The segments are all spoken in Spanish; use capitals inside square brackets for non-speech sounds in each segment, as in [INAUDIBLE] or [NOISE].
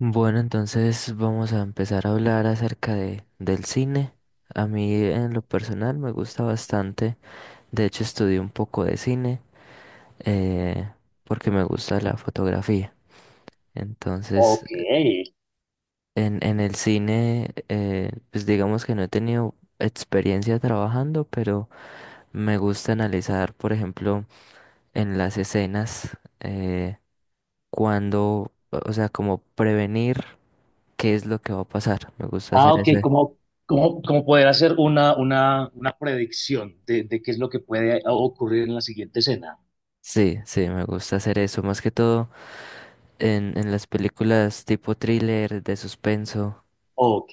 Bueno, entonces vamos a empezar a hablar acerca del cine. A mí en lo personal me gusta bastante. De hecho, estudié un poco de cine, eh, porque me gusta la fotografía. Entonces, Ok. en el cine, pues digamos que no he tenido experiencia trabajando, pero me gusta analizar, por ejemplo, en las escenas, cuando, o sea, como prevenir qué es lo que va a pasar. Me gusta Ah, hacer ok. ese. ¿Cómo poder hacer una predicción de qué es lo que puede ocurrir en la siguiente escena? Sí, sí, me gusta hacer eso, más que todo en las películas tipo thriller, de suspenso. Ok.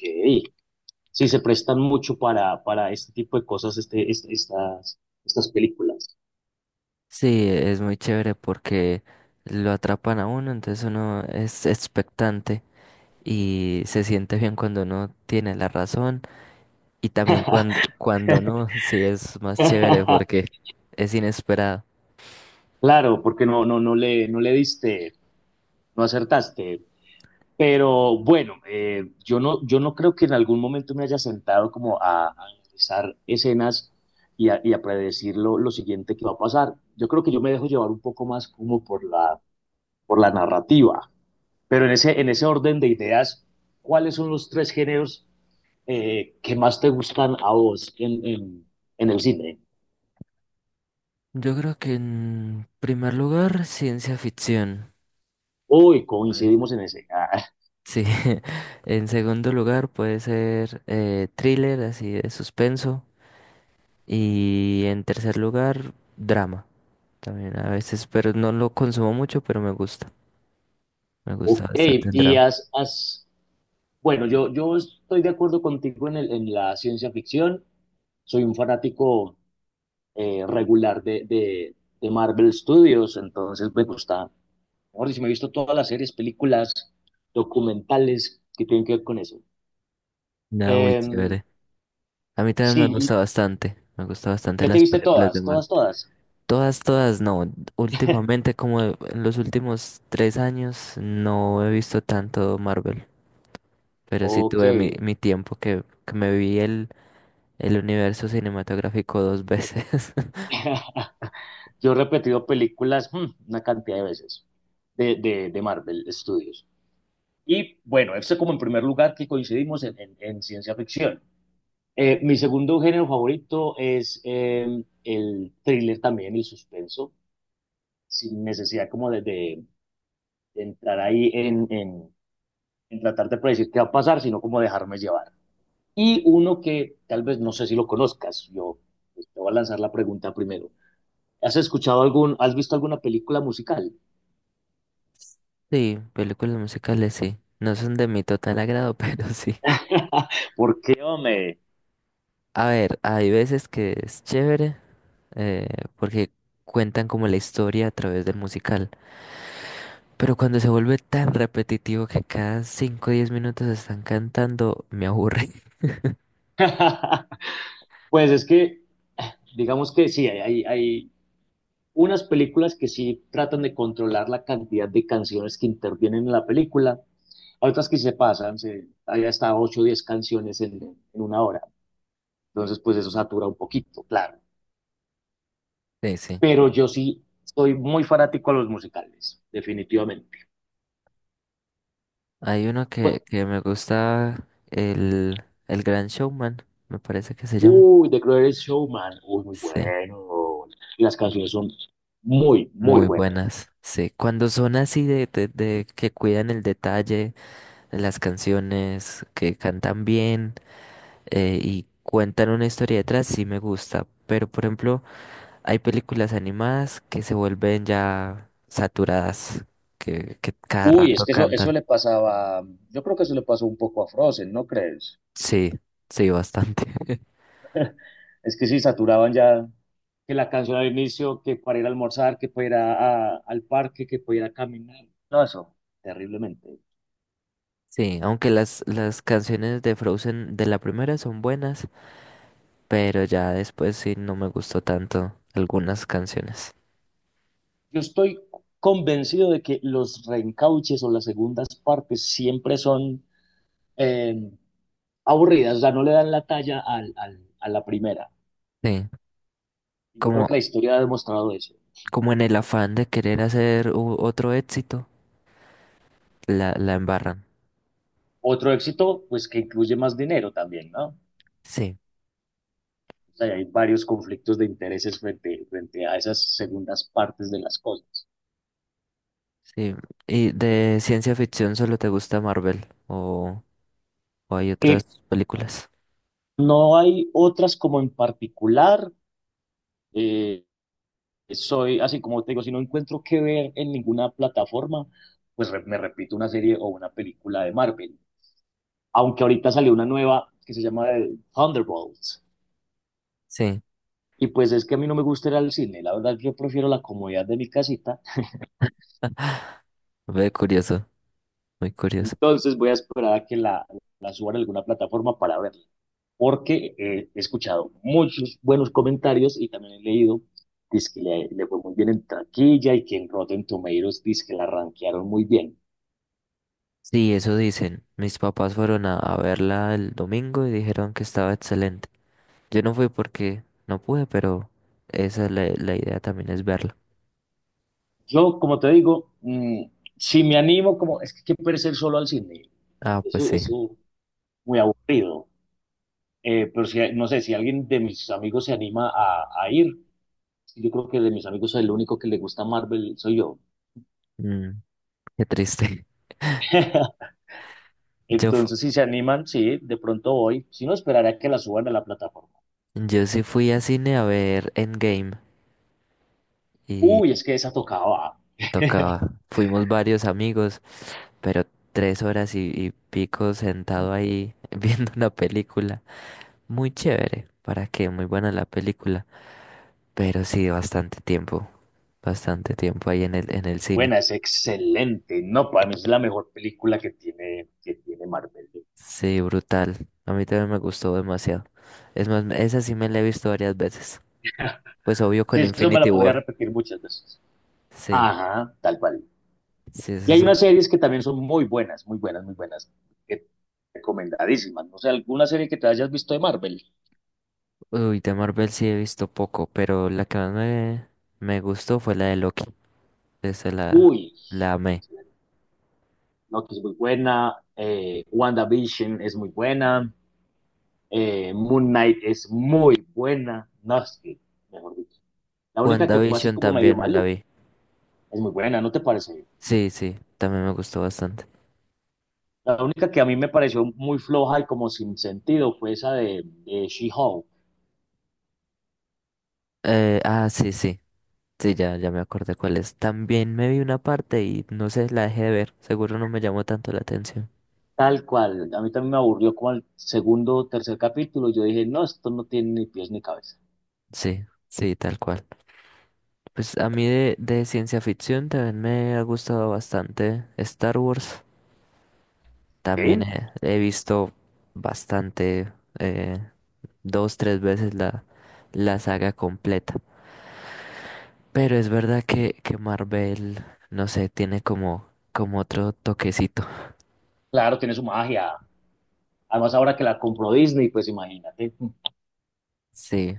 Sí, se prestan mucho para este tipo de cosas, estas películas. Sí, es muy chévere porque lo atrapan a uno, entonces uno es expectante y se siente bien cuando uno tiene la razón y también cuando, no, sí es más chévere porque [LAUGHS] es inesperado. Claro, porque no, no, no le diste, no acertaste. Pero bueno, yo no creo que en algún momento me haya sentado como a analizar escenas y a predecir lo siguiente que va a pasar. Yo creo que yo me dejo llevar un poco más como por la narrativa. Pero en ese orden de ideas, ¿cuáles son los tres géneros que más te gustan a vos en el cine? Yo creo que en primer lugar, ciencia ficción. Hoy Pues, coincidimos en ese. Ah, sí. [LAUGHS] en segundo lugar puede ser thriller, así de suspenso. Y en tercer lugar, drama también a veces, pero no lo consumo mucho, pero me gusta. Me ok, gusta bastante el y drama. has, has bueno, yo estoy de acuerdo contigo en la ciencia ficción. Soy un fanático regular de Marvel Studios, entonces me gusta. Mejor dicho, me he visto todas las series, películas, documentales que tienen que ver con eso. Nada, muy Em, chévere. A mí también me sí, gusta y bastante. Me gusta bastante ya te las viste películas de todas, Marvel. todas, todas. Todas, todas no. [LAUGHS] Últimamente, como en los últimos 3 años, no he visto tanto Marvel. Pero sí Ok. tuve mi tiempo que me vi el universo cinematográfico dos veces. [LAUGHS] [LAUGHS] Yo he repetido películas una cantidad de veces de Marvel Studios. Y bueno, eso como en primer lugar que coincidimos en ciencia ficción. Mi segundo género favorito es el thriller también, el suspenso, sin necesidad como de entrar ahí en tratar de predecir qué va a pasar, sino como dejarme llevar. Y uno que tal vez no sé si lo conozcas, yo pues, te voy a lanzar la pregunta primero. ¿Has visto alguna película musical? Sí, películas musicales sí. No son de mi total agrado, [LAUGHS] pero sí. [LAUGHS] ¿Por qué, hombre? A ver, hay veces que es chévere, eh, porque cuentan como la historia a través del musical. Pero cuando se vuelve tan repetitivo que cada cinco o 10 minutos están cantando, me aburre. [LAUGHS] [LAUGHS] Pues es que, digamos que sí, hay unas películas que sí tratan de controlar la cantidad de canciones que intervienen en la película, hay otras que se pasan, hay hasta 8 o 10 canciones en una hora. Entonces, pues eso satura un poquito, claro. Sí, sí. Pero yo sí soy muy fanático a los musicales, definitivamente. Hay uno Pues, que me gusta, el Gran Showman, me parece que se llama. Uy, The Greatest Showman, uy, muy Sí. bueno. Las canciones son muy, muy Muy buenas. buenas, sí. Cuando son así de que cuidan el detalle, las canciones, que cantan bien, y cuentan una historia detrás, sí me gusta. Pero por ejemplo, hay películas animadas que se vuelven ya saturadas, que cada Uy, es rato que eso cantan. le pasaba, yo creo que eso le pasó un poco a Frozen, ¿no crees? Sí, sí, bastante. [LAUGHS] Es que sí, saturaban ya que la canción al inicio, que para ir a almorzar, que para ir al parque, que para ir a caminar. No, eso, terriblemente. Sí, aunque las canciones de Frozen de la primera son buenas, pero ya después sí no me gustó tanto algunas canciones. Yo estoy convencido de que los reencauches o las segundas partes siempre son eh, aburridas, o sea, no le dan la talla a la primera. Sí. Yo Como creo que la historia ha demostrado eso. como en el afán de querer hacer otro éxito, la embarran. Otro éxito, pues que incluye más dinero también, ¿no? Sí, O sea, hay varios conflictos de intereses frente a esas segundas partes de las cosas. sí. ¿Y de ciencia ficción solo te gusta Marvel o hay Eh, otras películas? No hay otras como en particular. eh, Soy, así como te digo, si no encuentro qué ver en ninguna plataforma, pues me repito una serie o una película de Marvel. Aunque ahorita salió una nueva que se llama Thunderbolts. Sí, Y pues es que a mí no me gusta ir al cine. La verdad, yo prefiero la comodidad de mi casita. ve curioso, muy curioso. Entonces voy a esperar a que la suban a alguna plataforma para verla, porque he escuchado muchos buenos comentarios y también he leído, dice que le fue muy bien en taquilla y que en Rotten Tomatoes dice que la rankearon muy bien. Sí, eso dicen. Mis papás fueron a verla el domingo y dijeron que estaba excelente. Yo no fui porque no pude, pero esa es la idea, también es verla. Yo, como te digo, si me animo, como es que hay que perder solo al cine, Ah, pues eso, sí. eso es muy aburrido. Pero si, no sé, si alguien de mis amigos se anima a ir, yo creo que de mis amigos soy el único que le gusta Marvel, soy yo. Mm, qué triste. [LAUGHS] [LAUGHS] Yo, fu- Entonces, si se animan, sí, de pronto voy. Si no, esperaré a que la suban a la plataforma. yo sí fui a cine a ver Endgame. Uy, es que esa tocaba. [LAUGHS] Tocaba. Fuimos varios amigos, pero 3 horas y pico sentado ahí [LAUGHS] viendo una película. Muy chévere, ¿para qué? Muy buena la película. Pero sí, bastante tiempo ahí en el cine. Buena, es excelente. No, para mí es la mejor película que tiene Marvel. Sí, brutal. A mí también me gustó demasiado. Es más, esa sí me la he visto varias veces. Pues obvio Sí, con eso me Infinity la podría War. repetir muchas veces. Sí, Ajá, tal cual. sí, es Y hay eso. unas series que también son muy buenas, muy buenas, muy buenas, que- recomendadísimas. No sé, alguna serie que te hayas visto de Marvel. Uy, de Marvel sí he visto poco, pero la que más me gustó fue la de Loki. Esa la, Uy, la amé. Loki es muy buena. WandaVision es muy buena. Moon Knight es muy buena. No, es que, mejor dicho. La única que fue así WandaVision como medio también me la maluca vi. es muy buena, ¿no te parece? Sí, sí, también me gustó bastante. La única que a mí me pareció muy floja y como sin sentido fue esa de She-Hulk. Ah, sí, sí, sí, ya me acordé cuál es. También me vi una parte y no sé, la dejé de ver. Seguro no me llamó tanto la atención. Tal cual. A mí también me aburrió como el segundo o tercer capítulo. Yo dije, no, esto no tiene ni pies ni cabeza. Sí, sí, tal cual. Pues a mí de ciencia ficción también me ha gustado bastante Star Wars. También ¿Sí? he visto bastante, eh, dos, tres veces la saga completa. Pero es verdad que Marvel, no sé, tiene como otro toquecito. Claro, tiene su magia. Además, ahora que la compró Disney, pues imagínate. Sí,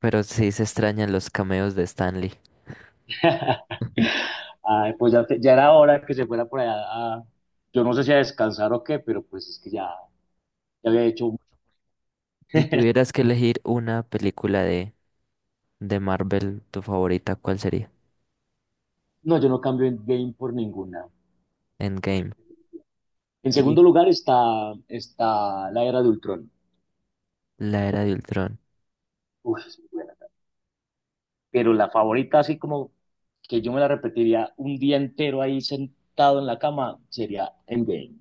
pero sí se extrañan los cameos de Stanley. [LAUGHS] Ay, pues ya, ya era hora que se fuera por allá, a- yo no sé si a descansar o qué, pero pues es que ya había hecho mucho. Si tuvieras que elegir una película de Marvel, tu favorita, ¿cuál sería? No, yo no cambio en game por ninguna. Endgame En y segundo lugar está la era de Ultrón. La Era de Ultron. Uf, es muy buena. Pero la favorita, así como que yo me la repetiría un día entero ahí sentado en la cama, sería Endgame.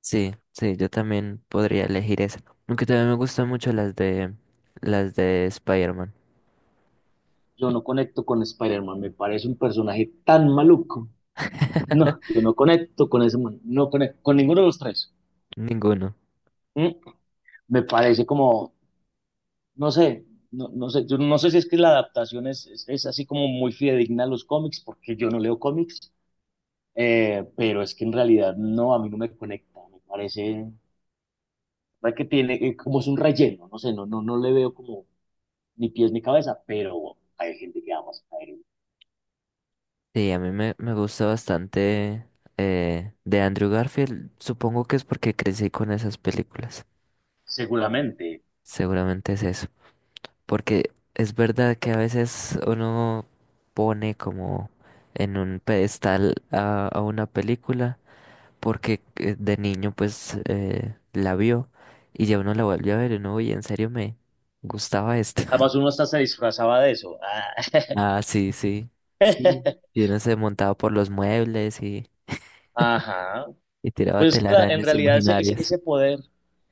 Sí, sí, yo también podría elegir esa. Aunque también me gustan mucho las de Spider-Man. Yo no conecto con Spider-Man, me parece un personaje tan maluco. No, [LAUGHS] yo no conecto con ese man, no conecto con ninguno de los tres. Ninguno. Mm, Me parece como, no sé, no, no sé, yo no sé si es que la adaptación es así como muy fidedigna a los cómics, porque yo no leo cómics. Pero es que en realidad no, a mí no me conecta, parece que tiene, como es un relleno, no sé, no le veo como ni pies ni cabeza, pero hay gente que ama a caer, Sí, a mí me gusta bastante, de Andrew Garfield. Supongo que es porque crecí con esas películas. seguramente. Seguramente es eso. Porque es verdad que a veces uno pone como en un pedestal a una película porque, de niño, pues la vio, y ya uno la vuelve a ver y uno, oye, en serio me gustaba esto. Además [LAUGHS] uno hasta se disfrazaba de eso. Ah. Ah, sí, sí, sí. Y [LAUGHS] uno se montaba por los muebles y, Ajá. y tiraba Pues es que en telarañas realidad ese, ese, imaginarias. ese poder,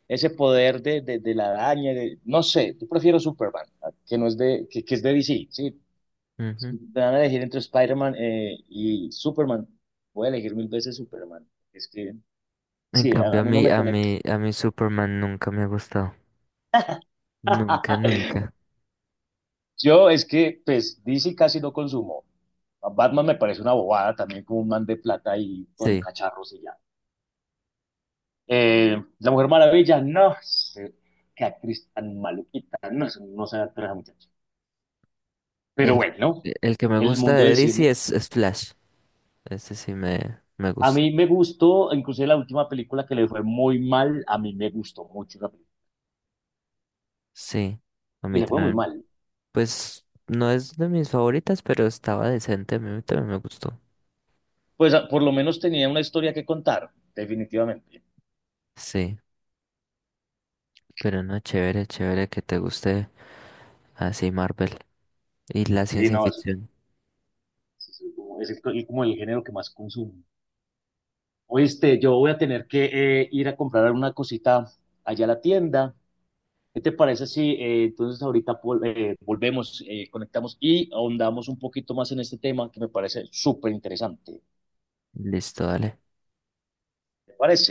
ese poder de la araña, no sé, yo prefiero Superman, que no es que es de DC, sí. Si Ujú. me van a elegir entre Spider-Man y Superman, voy a elegir mil veces Superman. Es que En sí, a cambio, a mí no mí, me a conecta. mí, a mí Superman nunca me ha gustado. Nunca, [LAUGHS] nunca. Yo es que, pues, DC casi no consumo. A Batman me parece una bobada también, como un man de plata y con Sí. cacharros y ya. La Mujer Maravilla, no sé, qué actriz tan maluquita, no, sé, no sé actuar esa muchacha. Pero El, bueno, el que me el gusta mundo del de DC cine. es Flash. Ese sí me A gusta. mí me gustó, inclusive la última película que le fue muy mal, a mí me gustó mucho la película. Sí, a Y mí le fue muy también. mal. Pues no es de mis favoritas, pero estaba decente. A mí también me gustó. Pues por lo menos tenía una historia que contar, definitivamente. Sí, pero no, chévere, chévere que te guste así Marvel y la Sí, ciencia no, ficción. como, como el género que más consumo. Oíste, yo voy a tener que ir a comprar una cosita allá a la tienda. ¿Qué te parece si entonces ahorita volvemos, conectamos y ahondamos un poquito más en este tema que me parece súper interesante? Listo, dale. ¿Te parece?